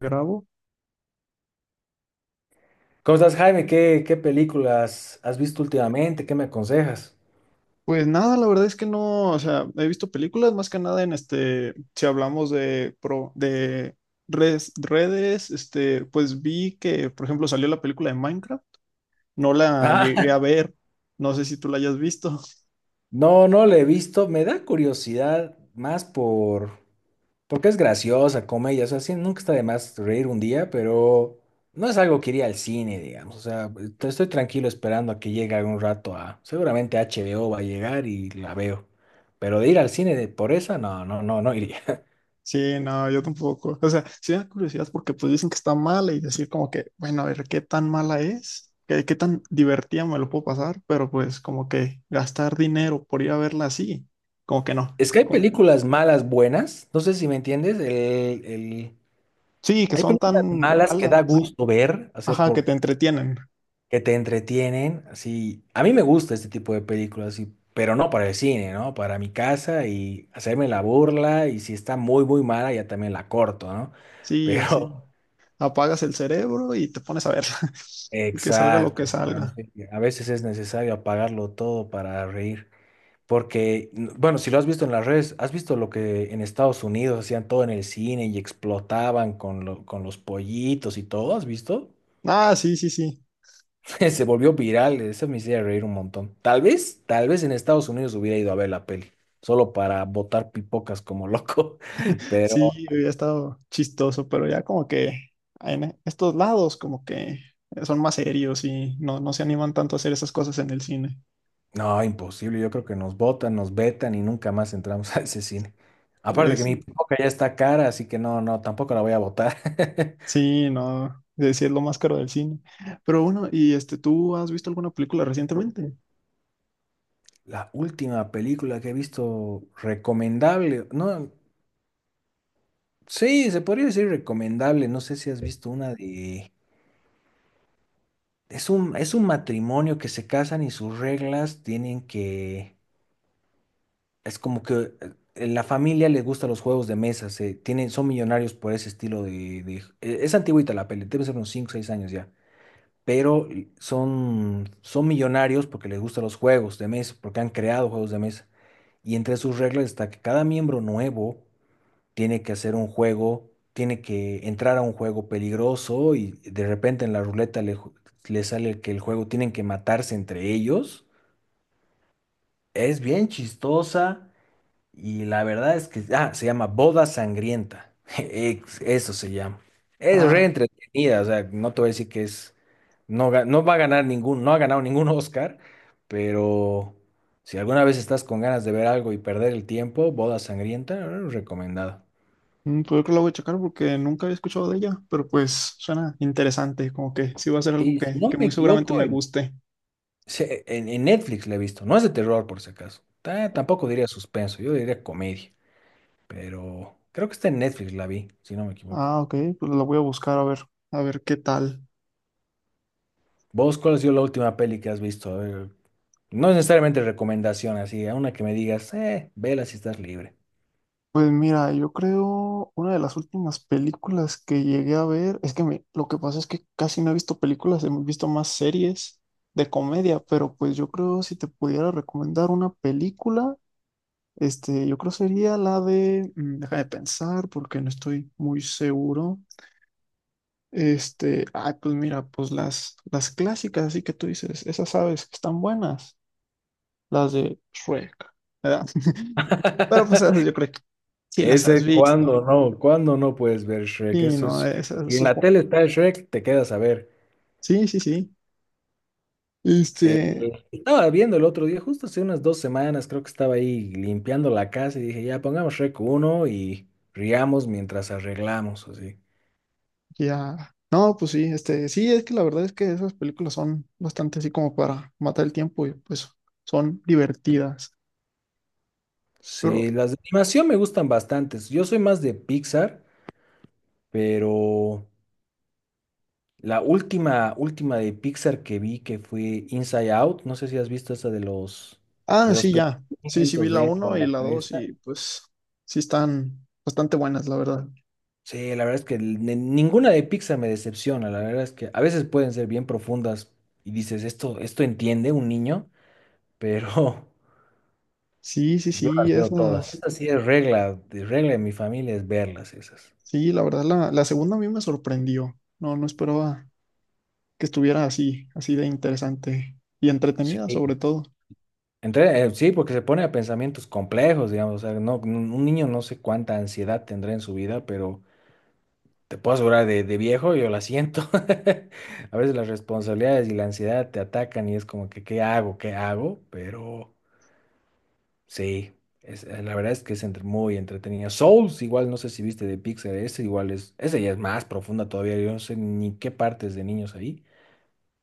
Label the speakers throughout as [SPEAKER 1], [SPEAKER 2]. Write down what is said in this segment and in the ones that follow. [SPEAKER 1] Grabo.
[SPEAKER 2] ¿Cómo estás, Jaime? ¿Qué películas has visto últimamente? ¿Qué me aconsejas?
[SPEAKER 1] Pues nada, la verdad es que no, o sea, he visto películas más que nada en si hablamos de redes, pues vi que, por ejemplo, salió la película de Minecraft, no la llegué
[SPEAKER 2] Ah,
[SPEAKER 1] a ver, no sé si tú la hayas visto.
[SPEAKER 2] no, no le he visto. Me da curiosidad más porque es graciosa, comedia. O sea, sí, nunca está de más reír un día, pero no es algo que iría al cine, digamos. O sea, estoy tranquilo esperando a que llegue algún rato a... Seguramente HBO va a llegar y la veo. Pero de ir al cine de por esa, no, no, no, no iría.
[SPEAKER 1] Sí, no, yo tampoco. O sea, sí me da curiosidad porque pues dicen que está mala y decir como que, bueno, a ver qué tan mala es, qué tan divertida me lo puedo pasar, pero pues como que gastar dinero por ir a verla así, como que no.
[SPEAKER 2] Es que hay películas malas, buenas. No sé si me entiendes. El
[SPEAKER 1] Sí, que
[SPEAKER 2] Hay
[SPEAKER 1] son
[SPEAKER 2] películas
[SPEAKER 1] tan
[SPEAKER 2] malas que da
[SPEAKER 1] malas.
[SPEAKER 2] gusto ver, así
[SPEAKER 1] Ajá, que
[SPEAKER 2] por
[SPEAKER 1] te entretienen.
[SPEAKER 2] que te entretienen, así. A mí me gusta este tipo de películas, así, pero no para el cine, ¿no? Para mi casa y hacerme la burla y si está muy muy mala ya también la corto, ¿no?
[SPEAKER 1] Sí, así.
[SPEAKER 2] Pero
[SPEAKER 1] Apagas el cerebro y te pones a verla. Y que salga lo
[SPEAKER 2] exacto,
[SPEAKER 1] que
[SPEAKER 2] hermano,
[SPEAKER 1] salga.
[SPEAKER 2] sí, a veces es necesario apagarlo todo para reír, porque bueno, si lo has visto en las redes, has visto lo que en Estados Unidos hacían todo en el cine y explotaban con con los pollitos y todo, ¿has visto?
[SPEAKER 1] Ah, sí, sí, sí.
[SPEAKER 2] Se volvió viral, eso me hacía reír un montón. Tal vez en Estados Unidos hubiera ido a ver la peli, solo para botar pipocas como loco, pero
[SPEAKER 1] Sí, había estado chistoso, pero ya como que en estos lados como que son más serios y no, no se animan tanto a hacer esas cosas en el cine.
[SPEAKER 2] no, imposible, yo creo que nos botan, nos vetan y nunca más entramos a ese cine. Aparte que
[SPEAKER 1] Es-
[SPEAKER 2] mi pipoca ya está cara, así que no, no, tampoco la voy a botar.
[SPEAKER 1] sí, no, es decir, lo más caro del cine. Pero bueno, ¿y tú has visto alguna película recientemente?
[SPEAKER 2] La última película que he visto recomendable, no, sí, se podría decir recomendable, no sé si has visto una de... Es un matrimonio que se casan y sus reglas tienen que... Es como que la familia les gusta los juegos de mesa, son millonarios por ese estilo Es antigüita la peli, debe ser unos cinco o 6 años ya. Pero son millonarios porque les gustan los juegos de mesa, porque han creado juegos de mesa. Y entre sus reglas está que cada miembro nuevo tiene que hacer un juego, tiene que entrar a un juego peligroso y de repente en la ruleta le sale que el juego tienen que matarse entre ellos. Es bien chistosa. Y la verdad es que, ah, se llama Boda Sangrienta. Eso se llama. Es re
[SPEAKER 1] Ah.
[SPEAKER 2] entretenida, o sea, no te voy a decir que es, no, no va a ganar ningún, no ha ganado ningún Oscar, pero si alguna vez estás con ganas de ver algo y perder el tiempo, Boda Sangrienta, recomendada.
[SPEAKER 1] Pues yo creo que la voy a checar porque nunca había escuchado de ella, pero pues suena interesante, como que sí va a ser algo
[SPEAKER 2] Y si no
[SPEAKER 1] que
[SPEAKER 2] me
[SPEAKER 1] muy seguramente
[SPEAKER 2] equivoco,
[SPEAKER 1] me
[SPEAKER 2] en,
[SPEAKER 1] guste.
[SPEAKER 2] en Netflix la he visto. No es de terror, por si acaso. Tampoco diría suspenso, yo diría comedia, pero creo que está en Netflix la vi, si no me equivoco.
[SPEAKER 1] Ah, ok, pues la voy a buscar a ver qué tal.
[SPEAKER 2] ¿Vos cuál ha sido la última peli que has visto? A ver, no es necesariamente recomendación, así, a una que me digas, vela si estás libre.
[SPEAKER 1] Pues mira, yo creo una de las últimas películas que llegué a ver, es que lo que pasa es que casi no he visto películas, he visto más series de comedia, pero pues yo creo si te pudiera recomendar una película, yo creo sería la de, déjame pensar porque no estoy muy seguro. Ay, pues mira, pues las clásicas, así que tú dices, esas aves que están buenas, las de Shrek, ¿verdad? Pero pues esas yo creo que sí las has
[SPEAKER 2] Ese, ¿cuando
[SPEAKER 1] visto.
[SPEAKER 2] no? ¿Cuando no puedes ver Shrek?
[SPEAKER 1] Sí,
[SPEAKER 2] Eso
[SPEAKER 1] no,
[SPEAKER 2] es.
[SPEAKER 1] esas,
[SPEAKER 2] Y en la tele está Shrek, te quedas a ver.
[SPEAKER 1] sí, sí, sí. Este,
[SPEAKER 2] Estaba viendo el otro día, justo hace unas 2 semanas, creo que estaba ahí limpiando la casa y dije, ya pongamos Shrek uno y riamos mientras arreglamos, así.
[SPEAKER 1] ya. No, pues sí, sí, es que la verdad es que esas películas son bastante así como para matar el tiempo y pues son divertidas. Pero,
[SPEAKER 2] Sí, las de animación me gustan bastantes. Yo soy más de Pixar, pero. La última, última de Pixar que vi que fue Inside Out, no sé si has visto esa
[SPEAKER 1] ah,
[SPEAKER 2] de los
[SPEAKER 1] sí, ya. Sí, sí vi
[SPEAKER 2] pensamientos
[SPEAKER 1] la
[SPEAKER 2] dentro
[SPEAKER 1] uno
[SPEAKER 2] de
[SPEAKER 1] y
[SPEAKER 2] la
[SPEAKER 1] la dos
[SPEAKER 2] cabeza.
[SPEAKER 1] y pues sí están bastante buenas, la verdad.
[SPEAKER 2] Sí, la verdad es que ninguna de Pixar me decepciona, la verdad es que a veces pueden ser bien profundas y dices, esto entiende un niño, pero
[SPEAKER 1] Sí, sí,
[SPEAKER 2] yo
[SPEAKER 1] sí,
[SPEAKER 2] las veo todas.
[SPEAKER 1] esas.
[SPEAKER 2] Esta sí es regla de mi familia es verlas esas.
[SPEAKER 1] Sí, la verdad, la segunda a mí me sorprendió. No, no esperaba que estuviera así, así de interesante y
[SPEAKER 2] Sí.
[SPEAKER 1] entretenida, sobre todo.
[SPEAKER 2] Sí, porque se pone a pensamientos complejos, digamos, o sea, no, un niño no sé cuánta ansiedad tendrá en su vida, pero... Te puedo asegurar, de viejo yo la siento. A veces las responsabilidades y la ansiedad te atacan y es como que, ¿qué hago? ¿Qué hago? Pero sí, la verdad es que es muy entretenida. Souls, igual no sé si viste de Pixar, ese igual es, esa ya es más profunda todavía, yo no sé ni qué partes de niños ahí.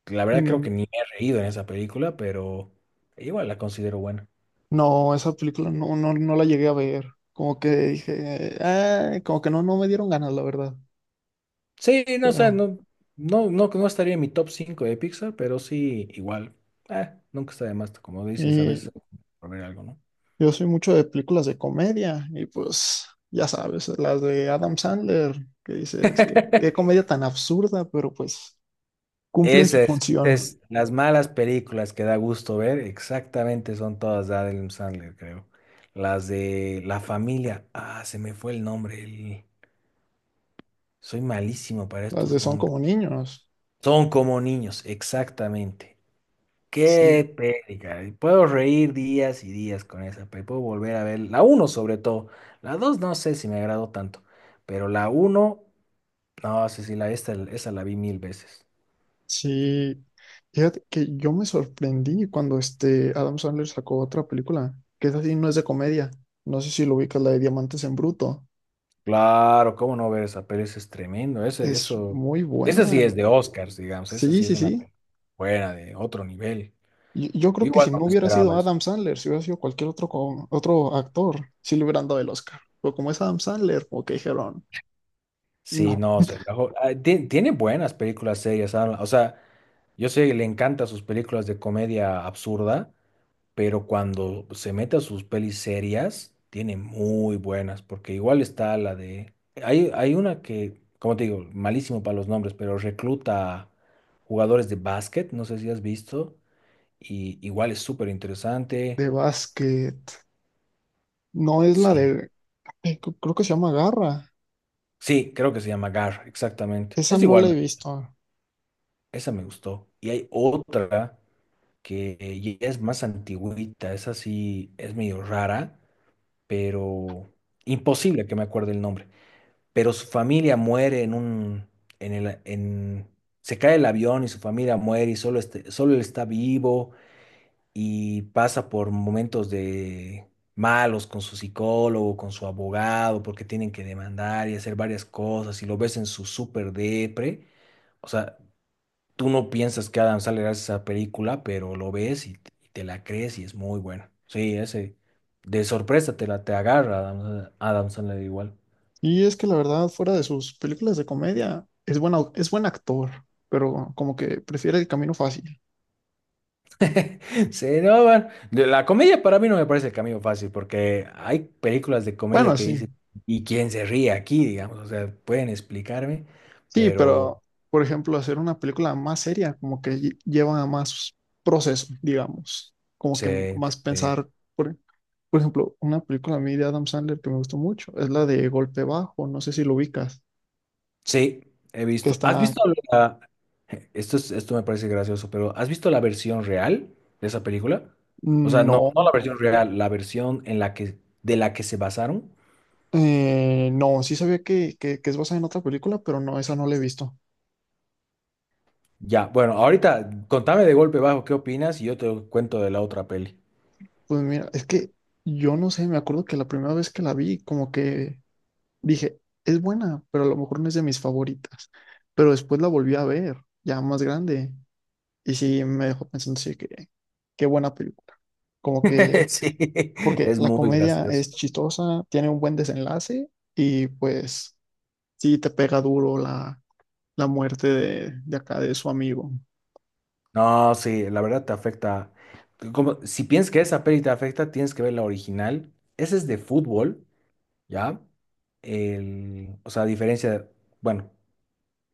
[SPEAKER 2] La verdad creo
[SPEAKER 1] Mm,
[SPEAKER 2] que ni me he reído en esa película, pero igual la considero buena.
[SPEAKER 1] no, esa película no, no la llegué a ver. Como que dije, "Ah", como que no me dieron ganas, la verdad.
[SPEAKER 2] Sí, no, o sea,
[SPEAKER 1] Pero,
[SPEAKER 2] no, no, no, no estaría en mi top 5 de Pixar, pero sí, igual. Ah, nunca está de más, como dices, a
[SPEAKER 1] y
[SPEAKER 2] veces hay que poner algo, ¿no?
[SPEAKER 1] yo soy mucho de películas de comedia, y pues, ya sabes, las de Adam Sandler, que dices que qué comedia tan absurda, pero pues cumplen su
[SPEAKER 2] Esas,
[SPEAKER 1] función.
[SPEAKER 2] esas, las malas películas que da gusto ver, exactamente son todas de Adam Sandler, creo. Las de La Familia, ah, se me fue el nombre, soy malísimo para
[SPEAKER 1] Las
[SPEAKER 2] estos
[SPEAKER 1] de Son
[SPEAKER 2] nombres.
[SPEAKER 1] como niños.
[SPEAKER 2] Son como niños, exactamente.
[SPEAKER 1] Sí,
[SPEAKER 2] Qué peli, caray. Puedo reír días y días con esa peli. Puedo volver a ver la uno sobre todo. La 2 no sé si me agradó tanto, pero la uno, no sé si la, esta, esa la vi mil veces.
[SPEAKER 1] sí. Fíjate que yo me sorprendí cuando Adam Sandler sacó otra película, que es así, no es de comedia. No sé si lo ubicas, la de Diamantes en Bruto.
[SPEAKER 2] Claro, cómo no ver esa peli, eso es tremendo. Ese,
[SPEAKER 1] Es
[SPEAKER 2] eso,
[SPEAKER 1] muy
[SPEAKER 2] esa
[SPEAKER 1] buena.
[SPEAKER 2] sí es de Oscars, digamos. Esa
[SPEAKER 1] Sí,
[SPEAKER 2] sí es
[SPEAKER 1] sí,
[SPEAKER 2] una
[SPEAKER 1] sí.
[SPEAKER 2] peli buena, de otro nivel.
[SPEAKER 1] Yo creo que
[SPEAKER 2] Igual
[SPEAKER 1] si
[SPEAKER 2] no
[SPEAKER 1] no
[SPEAKER 2] me
[SPEAKER 1] hubiera sido
[SPEAKER 2] esperaba eso.
[SPEAKER 1] Adam Sandler, si hubiera sido cualquier otro, otro actor, sí le hubieran dado el Oscar. Pero como es Adam Sandler, como que dijeron,
[SPEAKER 2] Sí,
[SPEAKER 1] no,
[SPEAKER 2] no, se rajó. Ah, tiene buenas películas serias, Adam. O sea, yo sé que le encantan sus películas de comedia absurda, pero cuando se mete a sus pelis serias, tiene muy buenas, porque igual está la de... Hay una que, como te digo, malísimo para los nombres, pero recluta jugadores de básquet, no sé si has visto, y igual es súper interesante.
[SPEAKER 1] de básquet. No es la
[SPEAKER 2] Sí,
[SPEAKER 1] de, creo que se llama Garra.
[SPEAKER 2] sí, creo que se llama GAR, exactamente.
[SPEAKER 1] Esa
[SPEAKER 2] Es
[SPEAKER 1] no
[SPEAKER 2] igual,
[SPEAKER 1] la he visto.
[SPEAKER 2] esa me gustó. Y hay otra que ya es más antigüita, esa sí es medio rara, pero imposible que me acuerde el nombre. Pero su familia muere en un, en el, en, se cae el avión y su familia muere y solo, solo él está vivo y pasa por momentos de malos con su psicólogo, con su abogado, porque tienen que demandar y hacer varias cosas y lo ves en su súper depre. O sea, tú no piensas que Adam Sandler hace esa película, pero lo ves y, te la crees y es muy buena. Sí, ese de sorpresa te la te agarra Adam Sandler igual.
[SPEAKER 1] Y es que la verdad, fuera de sus películas de comedia, es buena, es buen actor, pero como que prefiere el camino fácil.
[SPEAKER 2] Sí, no, bueno, de la comedia para mí no me parece el camino fácil porque hay películas de comedia
[SPEAKER 1] Bueno,
[SPEAKER 2] que
[SPEAKER 1] sí,
[SPEAKER 2] dicen, ¿y quién se ríe aquí? Digamos, o sea, pueden explicarme,
[SPEAKER 1] sí,
[SPEAKER 2] pero
[SPEAKER 1] pero por ejemplo, hacer una película más seria, como que lleva a más proceso, digamos, como
[SPEAKER 2] sí,
[SPEAKER 1] que más
[SPEAKER 2] sí,
[SPEAKER 1] pensar. Por, por ejemplo, una película a mí de Adam Sandler que me gustó mucho es la de Golpe Bajo, no sé si lo ubicas,
[SPEAKER 2] sí, he
[SPEAKER 1] que
[SPEAKER 2] visto. ¿Has
[SPEAKER 1] está,
[SPEAKER 2] visto la... Esto esto me parece gracioso, pero ¿has visto la versión real de esa película? O sea, no,
[SPEAKER 1] no,
[SPEAKER 2] no la versión real, la versión en la que, de la que se basaron.
[SPEAKER 1] no, sí sabía que, es basada en otra película, pero no, esa no la he visto.
[SPEAKER 2] Ya, bueno, ahorita contame de golpe bajo qué opinas y yo te cuento de la otra peli.
[SPEAKER 1] Pues mira, es que yo no sé, me acuerdo que la primera vez que la vi, como que dije, es buena, pero a lo mejor no es de mis favoritas. Pero después la volví a ver, ya más grande, y sí me dejó pensando, sí, que qué buena película. Como que,
[SPEAKER 2] Sí,
[SPEAKER 1] porque
[SPEAKER 2] es
[SPEAKER 1] la
[SPEAKER 2] muy
[SPEAKER 1] comedia
[SPEAKER 2] gracioso.
[SPEAKER 1] es chistosa, tiene un buen desenlace, y pues sí te pega duro la muerte de acá, de su amigo.
[SPEAKER 2] No, sí, la verdad te afecta. Como, si piensas que esa peli te afecta, tienes que ver la original. Ese es de fútbol, ¿ya? El, o sea, a diferencia de, bueno,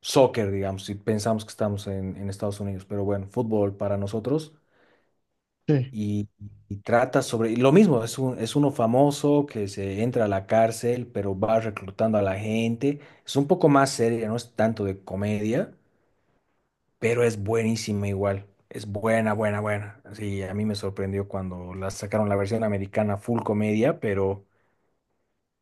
[SPEAKER 2] soccer, digamos, si pensamos que estamos en Estados Unidos, pero bueno, fútbol para nosotros.
[SPEAKER 1] Sí.
[SPEAKER 2] Y, y trata sobre, y lo mismo, es un, es uno famoso que se entra a la cárcel, pero va reclutando a la gente. Es un poco más seria, no es tanto de comedia, pero es buenísima igual. Es buena, buena, buena. Sí, a mí me sorprendió cuando la sacaron la versión americana full comedia, pero...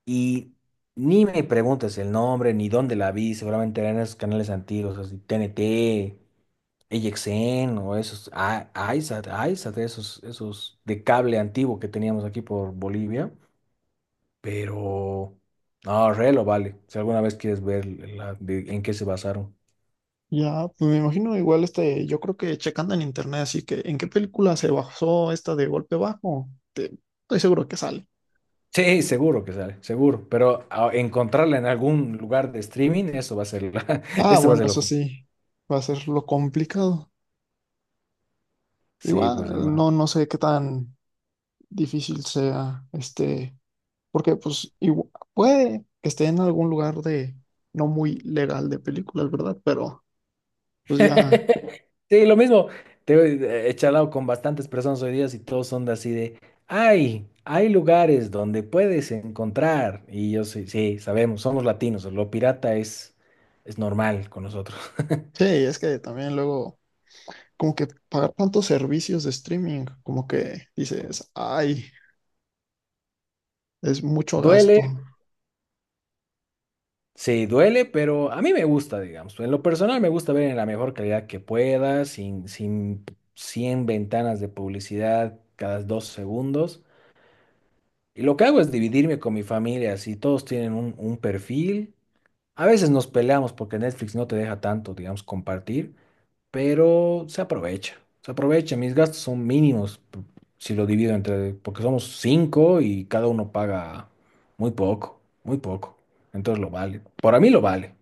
[SPEAKER 2] Y ni me preguntes el nombre, ni dónde la vi, seguramente era en esos canales antiguos, así TNT, NT, AXN o esos, Isat, Isat, esos de cable antiguo que teníamos aquí por Bolivia, pero... No, re lo vale. Si alguna vez quieres ver en qué se basaron.
[SPEAKER 1] Ya, pues me imagino igual yo creo que checando en internet, así que ¿en qué película se basó esta de Golpe Bajo? Estoy seguro que sale.
[SPEAKER 2] Sí, seguro que sale, seguro. Pero encontrarla en algún lugar de streaming, eso va a ser,
[SPEAKER 1] Ah,
[SPEAKER 2] eso va a
[SPEAKER 1] bueno,
[SPEAKER 2] ser lo
[SPEAKER 1] eso
[SPEAKER 2] complicado.
[SPEAKER 1] sí, va a ser lo complicado.
[SPEAKER 2] Sí, pues
[SPEAKER 1] Igual,
[SPEAKER 2] hermano.
[SPEAKER 1] no, no sé qué tan difícil sea, porque pues puede que esté en algún lugar de no muy legal de películas, ¿verdad? Pero pues ya,
[SPEAKER 2] Sí, lo mismo. Te he charlado con bastantes personas hoy día y todos son de así de, ay, hay lugares donde puedes encontrar. Y yo sí, sí, sabemos, somos latinos, lo pirata es normal con nosotros.
[SPEAKER 1] sí, es que también luego, como que pagar tantos servicios de streaming, como que dices, ay. Es mucho gasto.
[SPEAKER 2] Duele, sí, duele, pero a mí me gusta, digamos. En lo personal me gusta ver en la mejor calidad que pueda, sin 100 ventanas de publicidad cada 2 segundos. Y lo que hago es dividirme con mi familia, así todos tienen un perfil. A veces nos peleamos porque Netflix no te deja tanto, digamos, compartir, pero se aprovecha. Se aprovecha, mis gastos son mínimos si lo divido entre, porque somos cinco y cada uno paga muy poco, muy poco. Entonces lo vale. Por a mí lo vale.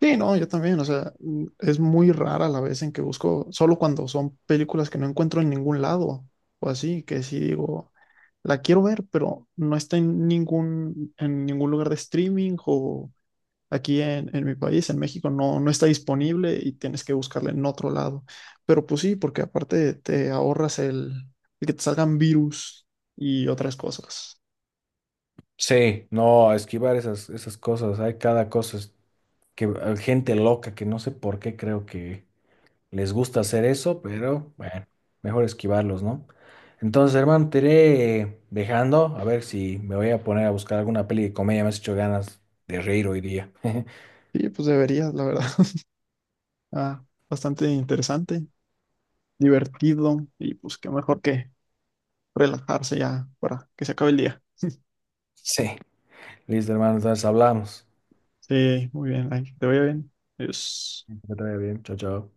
[SPEAKER 1] Sí, no, yo también, o sea, es muy rara la vez en que busco, solo cuando son películas que no encuentro en ningún lado, o así, que sí digo, la quiero ver, pero no está en ningún, lugar de streaming o aquí en mi país, en México, no está disponible y tienes que buscarla en otro lado. Pero pues sí, porque aparte te ahorras el que te salgan virus y otras cosas.
[SPEAKER 2] Sí, no, esquivar esas cosas. Hay cada cosa es que gente loca que no sé por qué creo que les gusta hacer eso, pero bueno, mejor esquivarlos, ¿no? Entonces, hermano, te iré dejando a ver si me voy a poner a buscar alguna peli de comedia. Me has hecho ganas de reír hoy día.
[SPEAKER 1] Sí, pues deberías, la verdad. Ah, bastante interesante. Divertido y pues qué mejor que relajarse ya para que se acabe el día.
[SPEAKER 2] Sí, listo, hermano, entonces hablamos.
[SPEAKER 1] Sí, muy bien, ay, que te vaya bien. Adiós.
[SPEAKER 2] Que te vaya bien, chao, chao.